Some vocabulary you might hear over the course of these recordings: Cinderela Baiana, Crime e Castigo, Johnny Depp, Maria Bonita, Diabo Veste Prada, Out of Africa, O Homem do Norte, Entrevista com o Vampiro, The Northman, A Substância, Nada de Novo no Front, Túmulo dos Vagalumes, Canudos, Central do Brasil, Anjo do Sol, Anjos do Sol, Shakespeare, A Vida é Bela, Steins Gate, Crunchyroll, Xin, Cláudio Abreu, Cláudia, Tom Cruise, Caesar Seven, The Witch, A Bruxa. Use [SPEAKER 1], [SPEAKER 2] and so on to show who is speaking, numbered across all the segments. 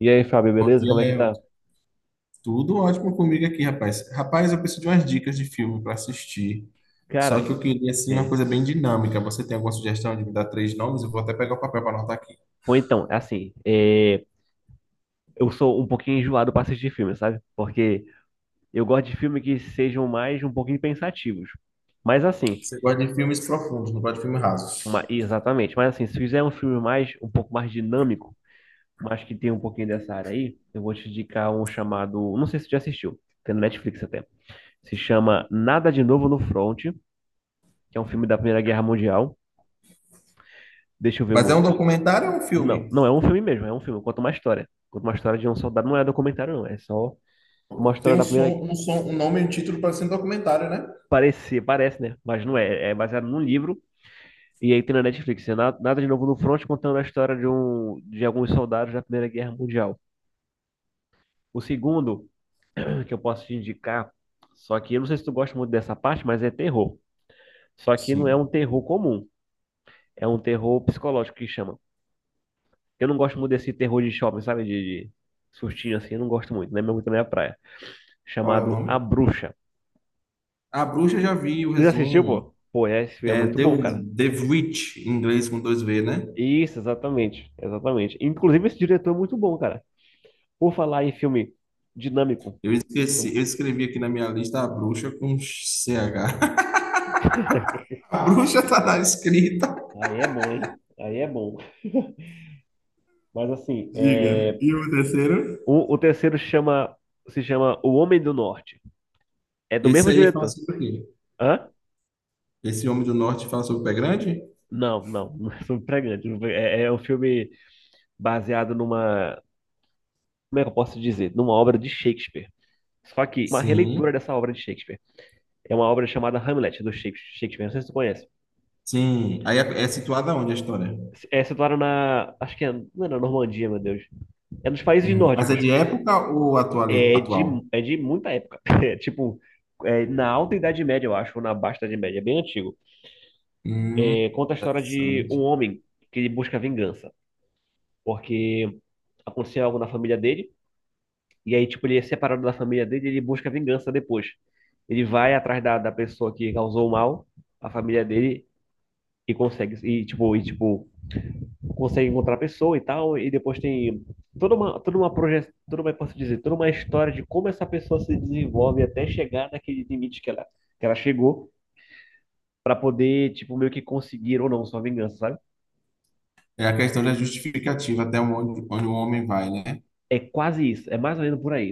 [SPEAKER 1] E aí, Fábio,
[SPEAKER 2] Bom
[SPEAKER 1] beleza?
[SPEAKER 2] dia,
[SPEAKER 1] Como é que
[SPEAKER 2] Léo.
[SPEAKER 1] tá?
[SPEAKER 2] Tudo ótimo comigo aqui, rapaz. Rapaz, eu preciso de umas dicas de filme para assistir.
[SPEAKER 1] Cara,
[SPEAKER 2] Só que eu
[SPEAKER 1] em-
[SPEAKER 2] queria, assim, uma
[SPEAKER 1] é.
[SPEAKER 2] coisa bem dinâmica. Você tem alguma sugestão de me dar 3 nomes? Eu vou até pegar o papel para anotar aqui.
[SPEAKER 1] Pô, então, é assim, é, eu sou um pouquinho enjoado pra assistir filme, sabe? Porque eu gosto de filme que sejam mais um pouquinho pensativos. Mas assim,
[SPEAKER 2] Você gosta de filmes profundos, não gosta de filmes rasos.
[SPEAKER 1] exatamente, mas assim, se fizer um filme mais, um pouco mais dinâmico, mas que tem um pouquinho dessa área aí, eu vou te indicar um chamado, não sei se você já assistiu, tem no Netflix até. Se chama Nada de Novo no Front, que é um filme da Primeira Guerra Mundial. Deixa eu ver o
[SPEAKER 2] Mas é um
[SPEAKER 1] outro.
[SPEAKER 2] documentário ou é um
[SPEAKER 1] Não,
[SPEAKER 2] filme?
[SPEAKER 1] não é um filme mesmo, é um filme, conta uma história. Conta uma história de um soldado, não é documentário, não. É só uma
[SPEAKER 2] Tem
[SPEAKER 1] história
[SPEAKER 2] um
[SPEAKER 1] da primeira.
[SPEAKER 2] som, um som, um nome e um título para ser um documentário, né?
[SPEAKER 1] Parecer, parece, né? Mas não é. É baseado num livro. E aí tem na Netflix. Nada de Novo no Front contando a história de alguns soldados da Primeira Guerra Mundial. O segundo que eu posso te indicar, só que eu não sei se tu gosta muito dessa parte, mas é terror. Só que não é um
[SPEAKER 2] Sim.
[SPEAKER 1] terror comum, é um terror psicológico que chama. Eu não gosto muito desse terror de shopping, sabe? De sustinho assim, eu não gosto muito, não é muito da minha praia.
[SPEAKER 2] Qual é o
[SPEAKER 1] Chamado A
[SPEAKER 2] nome?
[SPEAKER 1] Bruxa.
[SPEAKER 2] A Bruxa já vi o
[SPEAKER 1] Já assistiu,
[SPEAKER 2] resumo.
[SPEAKER 1] pô? Pô, é, esse filme é
[SPEAKER 2] É
[SPEAKER 1] muito bom, cara.
[SPEAKER 2] The Witch, em inglês com dois V, né?
[SPEAKER 1] Isso, exatamente. Exatamente. Inclusive, esse diretor é muito bom, cara. Por falar em filme dinâmico.
[SPEAKER 2] Eu esqueci,
[SPEAKER 1] eu-
[SPEAKER 2] eu escrevi aqui na minha lista a bruxa com C H. A bruxa tá na escrita.
[SPEAKER 1] Aí é bom, hein? Aí é bom. Mas assim,
[SPEAKER 2] Diga.
[SPEAKER 1] é...
[SPEAKER 2] E o terceiro?
[SPEAKER 1] o terceiro chama se chama O Homem do Norte. É do
[SPEAKER 2] Esse
[SPEAKER 1] mesmo
[SPEAKER 2] aí fala
[SPEAKER 1] diretor.
[SPEAKER 2] sobre o quê?
[SPEAKER 1] Hã?
[SPEAKER 2] Esse homem do norte fala sobre o pé grande?
[SPEAKER 1] Não é sobre pregante. É um filme baseado numa, como é que eu posso dizer? Numa obra de Shakespeare. Só que uma releitura
[SPEAKER 2] Sim.
[SPEAKER 1] dessa obra de Shakespeare. É uma obra chamada Hamlet, do Shakespeare. Não sei se tu conhece.
[SPEAKER 2] Sim. Aí é situada onde a história?
[SPEAKER 1] É situada na. Acho que é, não é na Normandia, meu Deus. É nos países
[SPEAKER 2] Hum. Mas é
[SPEAKER 1] nórdicos.
[SPEAKER 2] de época ou atual?
[SPEAKER 1] É de,
[SPEAKER 2] Atual?
[SPEAKER 1] é de muita época. É, tipo, é na Alta Idade Média, eu acho, ou na Baixa Idade Média. É bem antigo.
[SPEAKER 2] Hum,
[SPEAKER 1] É, conta a história de um
[SPEAKER 2] interessante.
[SPEAKER 1] homem que ele busca vingança. Porque aconteceu algo na família dele. E aí, tipo, ele é separado da família dele e ele busca vingança depois. Ele vai atrás da pessoa que causou o mal à família dele e consegue. E, tipo, consegue encontrar a pessoa e tal, e depois tem toda uma projeção, toda uma, posso dizer, toda uma história de como essa pessoa se desenvolve até chegar naquele limite que ela chegou para poder, tipo, meio que conseguir ou não sua vingança, sabe?
[SPEAKER 2] É a questão da justificativa, até onde, onde o homem vai, né?
[SPEAKER 1] É quase isso, é mais ou menos por aí.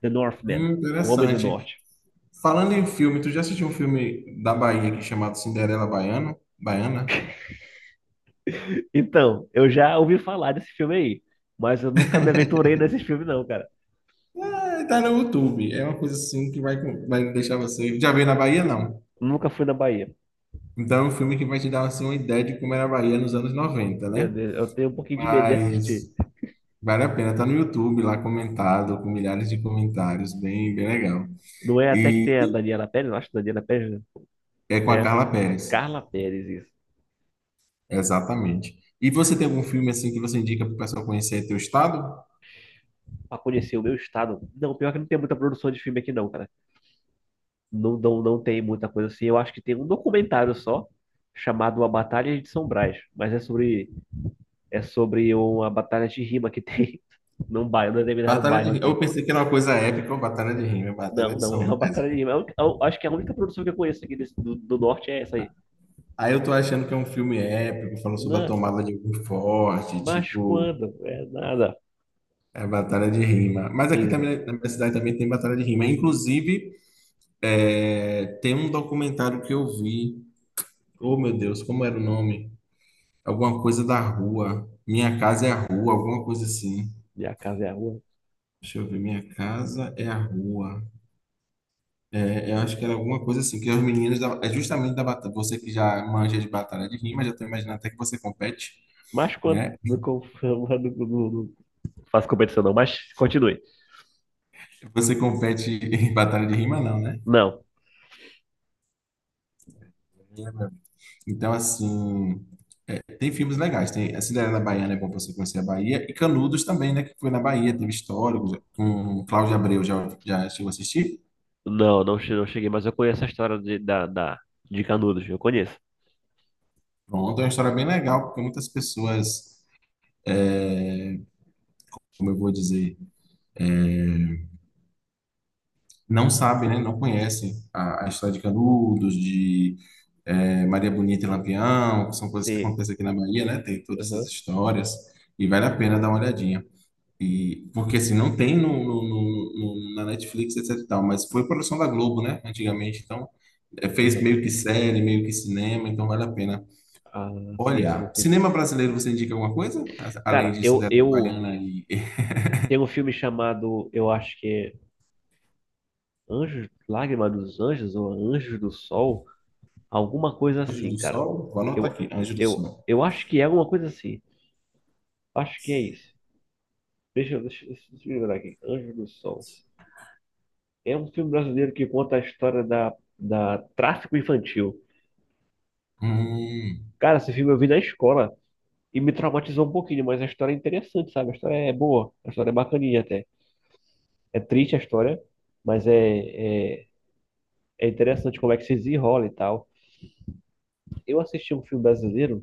[SPEAKER 1] The Northman, O Homem do
[SPEAKER 2] Interessante.
[SPEAKER 1] Norte.
[SPEAKER 2] Falando em filme, tu já assistiu um filme da Bahia aqui chamado Cinderela Baiana? Baiana?
[SPEAKER 1] Então, eu já ouvi falar desse filme aí, mas eu nunca me aventurei nesse filme não, cara.
[SPEAKER 2] É, tá no YouTube. É uma coisa assim que vai deixar você. Já veio na Bahia, não?
[SPEAKER 1] Nunca fui na Bahia.
[SPEAKER 2] Então, é um filme que vai te dar assim, uma ideia de como era a Bahia nos anos 90,
[SPEAKER 1] Meu
[SPEAKER 2] né?
[SPEAKER 1] Deus, eu tenho um pouquinho de medo de assistir.
[SPEAKER 2] Mas vale a pena, tá no YouTube lá comentado, com milhares de comentários, bem, bem legal.
[SPEAKER 1] Não é até que
[SPEAKER 2] E
[SPEAKER 1] tem a Daniela Pérez, eu acho que Daniela Pérez, né?
[SPEAKER 2] é com a
[SPEAKER 1] É,
[SPEAKER 2] Carla Pérez,
[SPEAKER 1] Carla Pérez, isso.
[SPEAKER 2] exatamente. E você tem algum filme assim que você indica para o pessoal conhecer teu estado?
[SPEAKER 1] Pra conhecer o meu estado. Não, pior que não tem muita produção de filme aqui não, cara. Não tem muita coisa assim. Eu acho que tem um documentário só, chamado A Batalha de São Brás. É sobre uma batalha de rima que tem num determinado
[SPEAKER 2] Batalha de
[SPEAKER 1] bairro
[SPEAKER 2] Rima. Eu
[SPEAKER 1] aqui.
[SPEAKER 2] pensei que era uma coisa épica, ou Batalha de Rima, é Batalha
[SPEAKER 1] Não,
[SPEAKER 2] de
[SPEAKER 1] não,
[SPEAKER 2] São
[SPEAKER 1] é uma
[SPEAKER 2] Brás.
[SPEAKER 1] batalha de rima. Eu acho que a única produção que eu conheço aqui do norte é essa aí.
[SPEAKER 2] Aí eu tô achando que é um filme épico, falando sobre a
[SPEAKER 1] Não,
[SPEAKER 2] tomada de algum forte,
[SPEAKER 1] mas
[SPEAKER 2] tipo...
[SPEAKER 1] quando? É nada.
[SPEAKER 2] É batalha de rima. Mas aqui
[SPEAKER 1] Eisa,
[SPEAKER 2] também, na minha cidade também tem batalha de rima. Inclusive, é, tem um documentário que eu vi. Oh, meu Deus, como era o nome? Alguma coisa da rua. Minha casa é a rua, alguma coisa assim.
[SPEAKER 1] minha casa é a rua.
[SPEAKER 2] Deixa eu ver, minha casa é a rua. É, eu acho que era alguma coisa assim, que os meninos é justamente da batalha. Você que já manja de batalha de rima, já tô imaginando até que você compete,
[SPEAKER 1] Mas quando?
[SPEAKER 2] né?
[SPEAKER 1] Não, não, não, não faço competição não, mas continue.
[SPEAKER 2] Você compete em batalha de rima, não, né?
[SPEAKER 1] Não.
[SPEAKER 2] Então, assim. Tem filmes legais, tem a Cinderela Baiana é bom para você conhecer a Bahia, e Canudos também, né, que foi na Bahia, teve histórico, com Cláudio Abreu, já, já chegou a assistir?
[SPEAKER 1] Não cheguei, mas eu conheço a história de Canudos, eu conheço.
[SPEAKER 2] Pronto, é uma história bem legal, porque muitas pessoas, como eu vou dizer, não sabem, né, não conhecem a história de Canudos, de Maria Bonita e Lampião, que são coisas que
[SPEAKER 1] Sim.
[SPEAKER 2] acontecem aqui na Bahia, né, tem todas essas
[SPEAKER 1] Aham,
[SPEAKER 2] histórias, e vale a pena dar uma olhadinha. E, porque assim, não tem na Netflix, etc e tal, mas foi produção da Globo, né, antigamente, então é, fez
[SPEAKER 1] aham.
[SPEAKER 2] meio que série, meio que cinema, então vale a pena
[SPEAKER 1] Ah, sim, sim,
[SPEAKER 2] olhar.
[SPEAKER 1] entendi.
[SPEAKER 2] Cinema brasileiro, você indica alguma coisa? Além
[SPEAKER 1] Cara,
[SPEAKER 2] de
[SPEAKER 1] eu,
[SPEAKER 2] Cinderela
[SPEAKER 1] eu
[SPEAKER 2] Baiana e
[SPEAKER 1] tenho um filme chamado, eu acho que é Anjos, Lágrima dos Anjos ou Anjos do Sol, alguma coisa
[SPEAKER 2] Anjo
[SPEAKER 1] assim,
[SPEAKER 2] do
[SPEAKER 1] cara.
[SPEAKER 2] Sol? Vou anotar
[SPEAKER 1] Eu,
[SPEAKER 2] aqui, Anjo do
[SPEAKER 1] eu,
[SPEAKER 2] Sol.
[SPEAKER 1] eu acho que é alguma coisa assim. Acho que é isso. Deixa eu lembrar aqui. Anjos do Sol. É um filme brasileiro que conta a história da tráfico infantil.
[SPEAKER 2] Hum,
[SPEAKER 1] Cara, esse filme eu vi na escola. E me traumatizou um pouquinho, mas a história é interessante, sabe? A história é boa, a história é bacaninha até. É triste a história, mas é, é, é interessante como é que se desenrola e tal. Eu assisti um filme brasileiro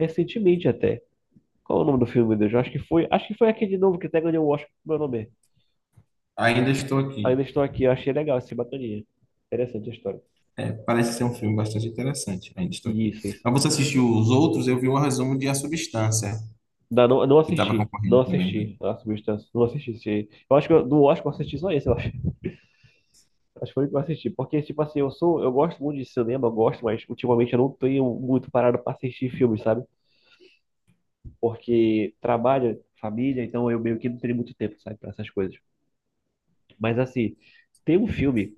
[SPEAKER 1] recentemente até. Qual é o nome do filme, meu Deus? Eu acho que foi, acho que foi aquele de novo que até ganhou o Oscar com meu nome.
[SPEAKER 2] ainda estou aqui.
[SPEAKER 1] Ainda estou aqui, eu achei legal esse bacaninha. Interessante a história.
[SPEAKER 2] É, parece ser um filme bastante interessante. Ainda estou aqui.
[SPEAKER 1] Isso, isso.
[SPEAKER 2] Mas você assistiu os outros? Eu vi o resumo de A Substância,
[SPEAKER 1] Não, não, não
[SPEAKER 2] que estava
[SPEAKER 1] assisti, não
[SPEAKER 2] concorrendo também, né?
[SPEAKER 1] assisti A Substância, não assisti. Eu acho que do Oscar eu assisti só esse, eu acho. Acho que foi o que eu assisti. Porque, tipo assim, eu gosto muito de cinema, eu gosto, mas ultimamente eu não tenho muito parado pra assistir filmes, sabe? Porque trabalho, família, então eu meio que não tenho muito tempo, sabe, pra essas coisas. Mas assim, tem um filme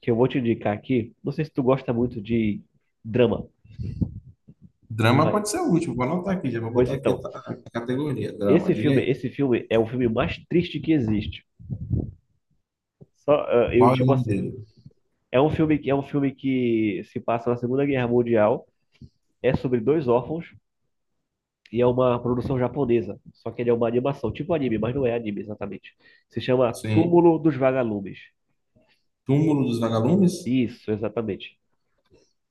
[SPEAKER 1] que eu vou te indicar aqui. Não sei se tu gosta muito de drama,
[SPEAKER 2] Drama
[SPEAKER 1] mas,
[SPEAKER 2] pode ser o último, vou anotar aqui, já vou
[SPEAKER 1] pois
[SPEAKER 2] botar aqui
[SPEAKER 1] então,
[SPEAKER 2] a categoria, drama, diga aí.
[SPEAKER 1] esse filme é o filme mais triste que existe. Só, ah, eu,
[SPEAKER 2] Qual é o
[SPEAKER 1] tipo
[SPEAKER 2] nome
[SPEAKER 1] assim,
[SPEAKER 2] dele?
[SPEAKER 1] é um filme que se passa na Segunda Guerra Mundial. É sobre dois órfãos. E é uma produção japonesa. Só que ele é uma animação, tipo anime, mas não é anime exatamente. Se chama
[SPEAKER 2] Sim.
[SPEAKER 1] Túmulo dos Vagalumes.
[SPEAKER 2] Túmulo dos Vagalumes?
[SPEAKER 1] Isso, exatamente.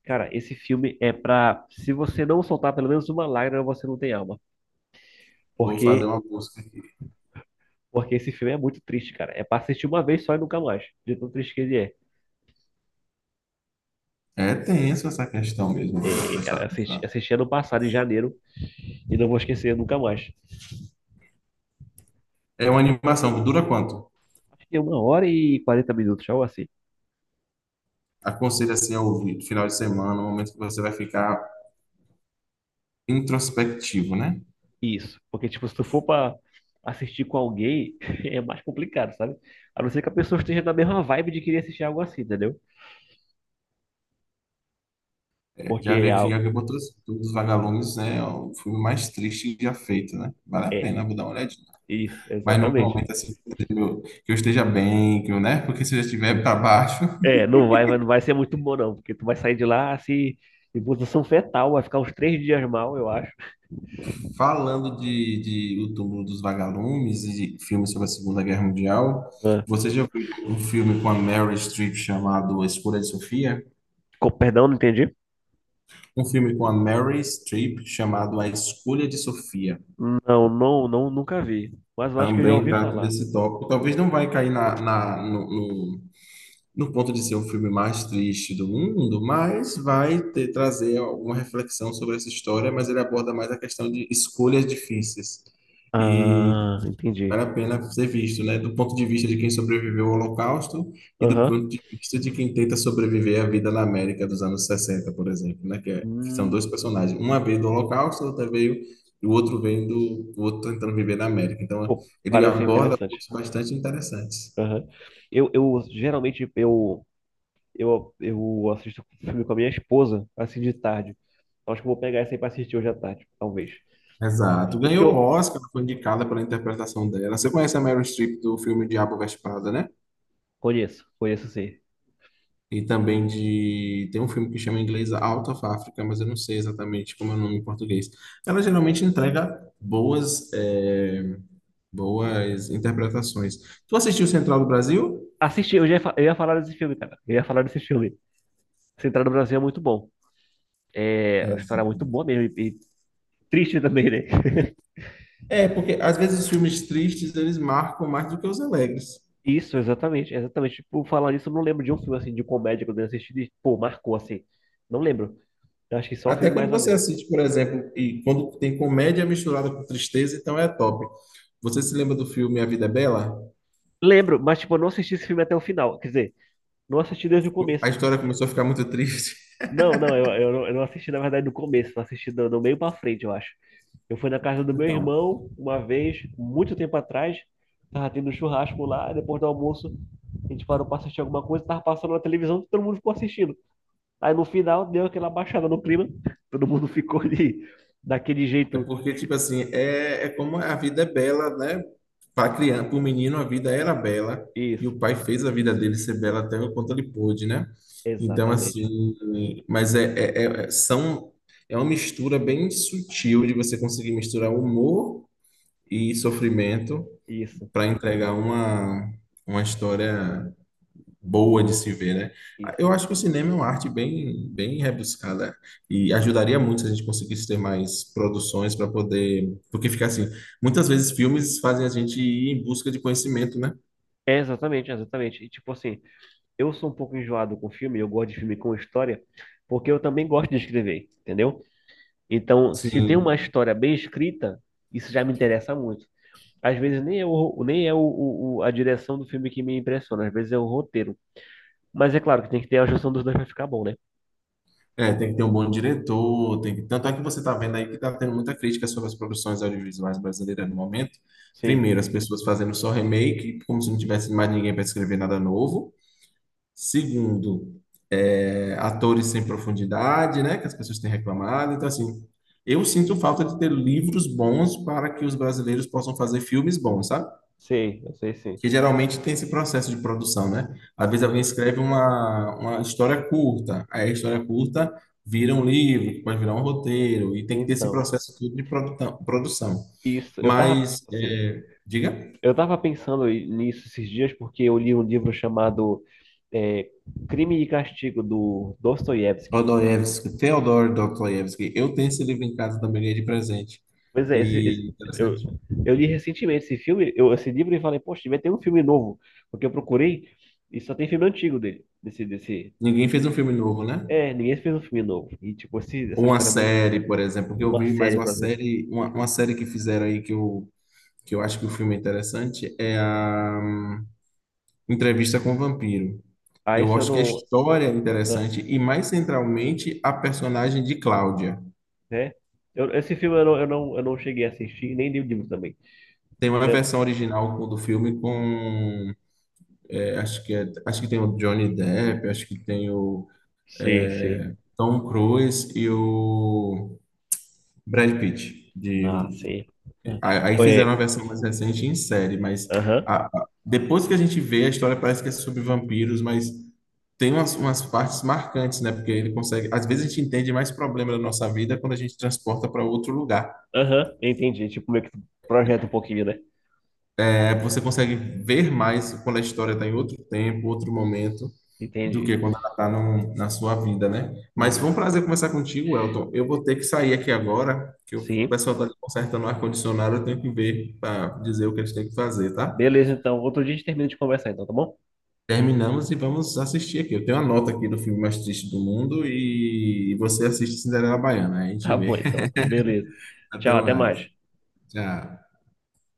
[SPEAKER 1] Cara, esse filme é pra. Se você não soltar pelo menos uma lágrima, você não tem alma.
[SPEAKER 2] Vou fazer
[SPEAKER 1] Porque,
[SPEAKER 2] uma busca aqui.
[SPEAKER 1] porque esse filme é muito triste, cara. É pra assistir uma vez só e nunca mais. De tão triste que ele é.
[SPEAKER 2] É tenso essa questão mesmo.
[SPEAKER 1] É,
[SPEAKER 2] dessa-
[SPEAKER 1] cara,
[SPEAKER 2] dessa-
[SPEAKER 1] assisti ano passado, em janeiro, e não vou esquecer nunca mais.
[SPEAKER 2] É uma animação que dura quanto?
[SPEAKER 1] É uma hora e 40 minutos, algo assim.
[SPEAKER 2] Aconselho assim a ouvir, final de semana, no momento que você vai ficar introspectivo, né?
[SPEAKER 1] Isso, porque tipo, se tu for pra assistir com alguém, é mais complicado, sabe? A não ser que a pessoa esteja na mesma vibe de querer assistir algo assim, entendeu?
[SPEAKER 2] É, já
[SPEAKER 1] Porque
[SPEAKER 2] vi
[SPEAKER 1] é,
[SPEAKER 2] aqui já que botou todos os vagalumes, né? É o filme mais triste já feito, né? Vale a
[SPEAKER 1] é,
[SPEAKER 2] pena, vou dar uma olhadinha.
[SPEAKER 1] isso,
[SPEAKER 2] Mas no
[SPEAKER 1] exatamente.
[SPEAKER 2] momento assim que eu esteja bem, que eu, né? Porque se eu já estiver para baixo...
[SPEAKER 1] É, não vai ser muito bom não, porque tu vai sair de lá assim, em posição fetal, vai ficar uns três dias mal, eu acho.
[SPEAKER 2] Falando de O Túmulo dos Vagalumes e filmes sobre a Segunda Guerra Mundial,
[SPEAKER 1] Ah,
[SPEAKER 2] você já viu um filme com a Meryl Streep chamado A Escolha de Sofia?
[SPEAKER 1] perdão, não entendi?
[SPEAKER 2] Um filme com a Meryl Streep chamado A Escolha de Sofia.
[SPEAKER 1] Não, nunca vi, mas eu acho que eu já
[SPEAKER 2] Também
[SPEAKER 1] ouvi
[SPEAKER 2] trata
[SPEAKER 1] falar.
[SPEAKER 2] desse tópico. Talvez não vai cair no ponto de ser o filme mais triste do mundo, mas vai trazer alguma reflexão sobre essa história, mas ele aborda mais a questão de escolhas difíceis.
[SPEAKER 1] Ah, entendi.
[SPEAKER 2] Vale a pena ser visto, né? Do ponto de vista de quem sobreviveu ao Holocausto e do
[SPEAKER 1] Aham.
[SPEAKER 2] ponto de vista de quem tenta sobreviver à vida na América dos anos 60, por exemplo, né? Que, que são
[SPEAKER 1] Hum,
[SPEAKER 2] dois personagens. Uma veio do Holocausto, outra veio, e o outro vem do, o outro tentando viver na América. Então,
[SPEAKER 1] pô,
[SPEAKER 2] ele
[SPEAKER 1] parece ser
[SPEAKER 2] aborda
[SPEAKER 1] interessante.
[SPEAKER 2] pontos bastante interessantes.
[SPEAKER 1] Aham. Eu, eu geralmente eu eu assisto filme com a minha esposa, assim de tarde. Acho que eu vou pegar essa aí pra assistir hoje à tarde, talvez.
[SPEAKER 2] Exato.
[SPEAKER 1] É porque
[SPEAKER 2] Ganhou o
[SPEAKER 1] eu
[SPEAKER 2] Oscar, foi indicada pela interpretação dela. Você conhece a Meryl Streep do filme Diabo Veste Prada, né?
[SPEAKER 1] conheço sim.
[SPEAKER 2] E também de... Tem um filme que chama em inglês Out of Africa, mas eu não sei exatamente como é o nome em português. Ela geralmente entrega boas, boas interpretações. Tu assistiu Central do Brasil?
[SPEAKER 1] Assisti, eu ia falar desse filme, cara. Eu ia falar desse filme. Central do Brasil é muito bom. É, a
[SPEAKER 2] É.
[SPEAKER 1] história é muito boa mesmo e triste também, né?
[SPEAKER 2] É, porque às vezes os filmes tristes eles marcam mais do que os alegres.
[SPEAKER 1] Isso, exatamente, exatamente. Por falar nisso, eu não lembro de um filme assim de comédia que eu tenha assistido e, pô, marcou assim. Não lembro. Eu acho que só
[SPEAKER 2] Até
[SPEAKER 1] filme
[SPEAKER 2] quando
[SPEAKER 1] mais ou
[SPEAKER 2] você
[SPEAKER 1] menos.
[SPEAKER 2] assiste, por exemplo, e quando tem comédia misturada com tristeza, então é top. Você se lembra do filme A Vida é Bela?
[SPEAKER 1] Lembro, mas tipo, eu não assisti esse filme até o final. Quer dizer, não assisti desde o
[SPEAKER 2] A
[SPEAKER 1] começo.
[SPEAKER 2] história começou a ficar muito triste.
[SPEAKER 1] Eu não assisti, na verdade, do começo, eu assisti do meio pra frente, eu acho. Eu fui na casa do meu
[SPEAKER 2] Então,
[SPEAKER 1] irmão uma vez, muito tempo atrás, tava tendo um churrasco lá, e depois do almoço, a gente parou pra assistir alguma coisa, tava passando na televisão, todo mundo ficou assistindo. Aí no final deu aquela baixada no clima, todo mundo ficou ali, daquele
[SPEAKER 2] é
[SPEAKER 1] jeito.
[SPEAKER 2] porque, tipo assim, é como é, a vida é bela, né? Para criança, para o menino, a vida era bela e o
[SPEAKER 1] Isso,
[SPEAKER 2] pai fez a vida dele ser bela até o quanto ele pôde, né? Então,
[SPEAKER 1] exatamente.
[SPEAKER 2] assim, mas são, é uma mistura bem sutil de você conseguir misturar humor e sofrimento
[SPEAKER 1] Isso,
[SPEAKER 2] para entregar uma história boa de se ver, né? Ah, eu
[SPEAKER 1] isso.
[SPEAKER 2] acho que o cinema é uma arte bem, bem rebuscada e ajudaria muito se a gente conseguisse ter mais produções para poder, porque fica assim, muitas vezes filmes fazem a gente ir em busca de conhecimento, né?
[SPEAKER 1] É, exatamente, exatamente. E tipo assim, eu sou um pouco enjoado com filme, eu gosto de filme com história, porque eu também gosto de escrever, entendeu? Então, se tem uma
[SPEAKER 2] Sim,
[SPEAKER 1] história bem escrita, isso já me interessa muito. Às vezes nem é, o, nem é o- a direção do filme que me impressiona, às vezes é o roteiro. Mas é claro que tem que ter a junção dos dois para ficar bom, né?
[SPEAKER 2] é, tem que ter um bom diretor, tem que... Tanto é que você está vendo aí que está tendo muita crítica sobre as produções audiovisuais brasileiras no momento.
[SPEAKER 1] Sim,
[SPEAKER 2] Primeiro, as pessoas fazendo só remake, como se não tivesse mais ninguém para escrever nada novo. Segundo, é, atores sem profundidade, né, que as pessoas têm reclamado. Então, assim, eu sinto falta de ter livros bons para que os brasileiros possam fazer filmes bons, sabe?
[SPEAKER 1] sim, eu sei sim.
[SPEAKER 2] Que geralmente tem esse processo de produção, né? Às vezes alguém escreve uma história curta, aí a história curta vira um livro, que pode virar um roteiro, e tem que ter esse
[SPEAKER 1] Então,
[SPEAKER 2] processo todo de produção.
[SPEAKER 1] isso, eu tava,
[SPEAKER 2] Mas,
[SPEAKER 1] assim,
[SPEAKER 2] é, diga.
[SPEAKER 1] eu tava pensando nisso esses dias porque eu li um livro chamado é, Crime e Castigo, do Dostoiévski.
[SPEAKER 2] Dostoiévski, Theodor Dostoiévski. Eu tenho esse livro em casa também, ganhei de presente.
[SPEAKER 1] Pois é, esse,
[SPEAKER 2] E
[SPEAKER 1] esse- eu,
[SPEAKER 2] interessante.
[SPEAKER 1] eu li recentemente esse livro, e falei, poxa, vai ter um filme novo, porque eu procurei e só tem filme antigo dele,
[SPEAKER 2] Ninguém fez um filme novo, né?
[SPEAKER 1] É, ninguém fez um filme novo. E, tipo, essa
[SPEAKER 2] Ou uma
[SPEAKER 1] história é muito...
[SPEAKER 2] série, por exemplo, que eu
[SPEAKER 1] Uma
[SPEAKER 2] vi mais
[SPEAKER 1] série,
[SPEAKER 2] uma
[SPEAKER 1] por exemplo.
[SPEAKER 2] série, uma série que fizeram aí que eu acho que o filme é interessante é a Entrevista com o Vampiro.
[SPEAKER 1] Ah,
[SPEAKER 2] Eu
[SPEAKER 1] esse eu
[SPEAKER 2] acho que a
[SPEAKER 1] não...
[SPEAKER 2] história é
[SPEAKER 1] Ah,
[SPEAKER 2] interessante e mais centralmente a personagem de Cláudia.
[SPEAKER 1] né? Esse filme eu não cheguei a assistir, nem li o livro também.
[SPEAKER 2] Tem uma
[SPEAKER 1] Né?
[SPEAKER 2] versão original do filme com, é, acho que tem o Johnny Depp, acho que tem o
[SPEAKER 1] Sim, sim.
[SPEAKER 2] Tom Cruise e o Brad Pitt. De,
[SPEAKER 1] Ah, sim. Ah,
[SPEAKER 2] a- aí fizeram uma
[SPEAKER 1] é,
[SPEAKER 2] versão mais recente em série, mas
[SPEAKER 1] aham,
[SPEAKER 2] depois que a gente vê, a história parece que é sobre vampiros, mas tem umas, umas partes marcantes, né? Porque ele consegue. Às vezes a gente entende mais problema da nossa vida quando a gente transporta para outro lugar.
[SPEAKER 1] aham, entendi. Tipo, meio que projeta um pouquinho, né?
[SPEAKER 2] É, você consegue ver mais quando a história está em outro tempo, outro momento. Do
[SPEAKER 1] Entendi.
[SPEAKER 2] que quando ela está na sua vida, né? Mas
[SPEAKER 1] Uhum.
[SPEAKER 2] foi um prazer conversar contigo, Elton. Eu vou ter que sair aqui agora, que o
[SPEAKER 1] Sim.
[SPEAKER 2] pessoal está consertando o ar-condicionado, eu tenho que ver para dizer o que eles têm que fazer, tá?
[SPEAKER 1] Beleza, então. Outro dia a gente termina de conversar, então, tá bom?
[SPEAKER 2] Terminamos e vamos assistir aqui. Eu tenho a nota aqui do filme mais triste do mundo e você assiste Cinderela Baiana. Aí a gente
[SPEAKER 1] Tá bom,
[SPEAKER 2] vê.
[SPEAKER 1] então. Beleza.
[SPEAKER 2] Até
[SPEAKER 1] Tchau, até
[SPEAKER 2] mais.
[SPEAKER 1] mais.
[SPEAKER 2] Tchau.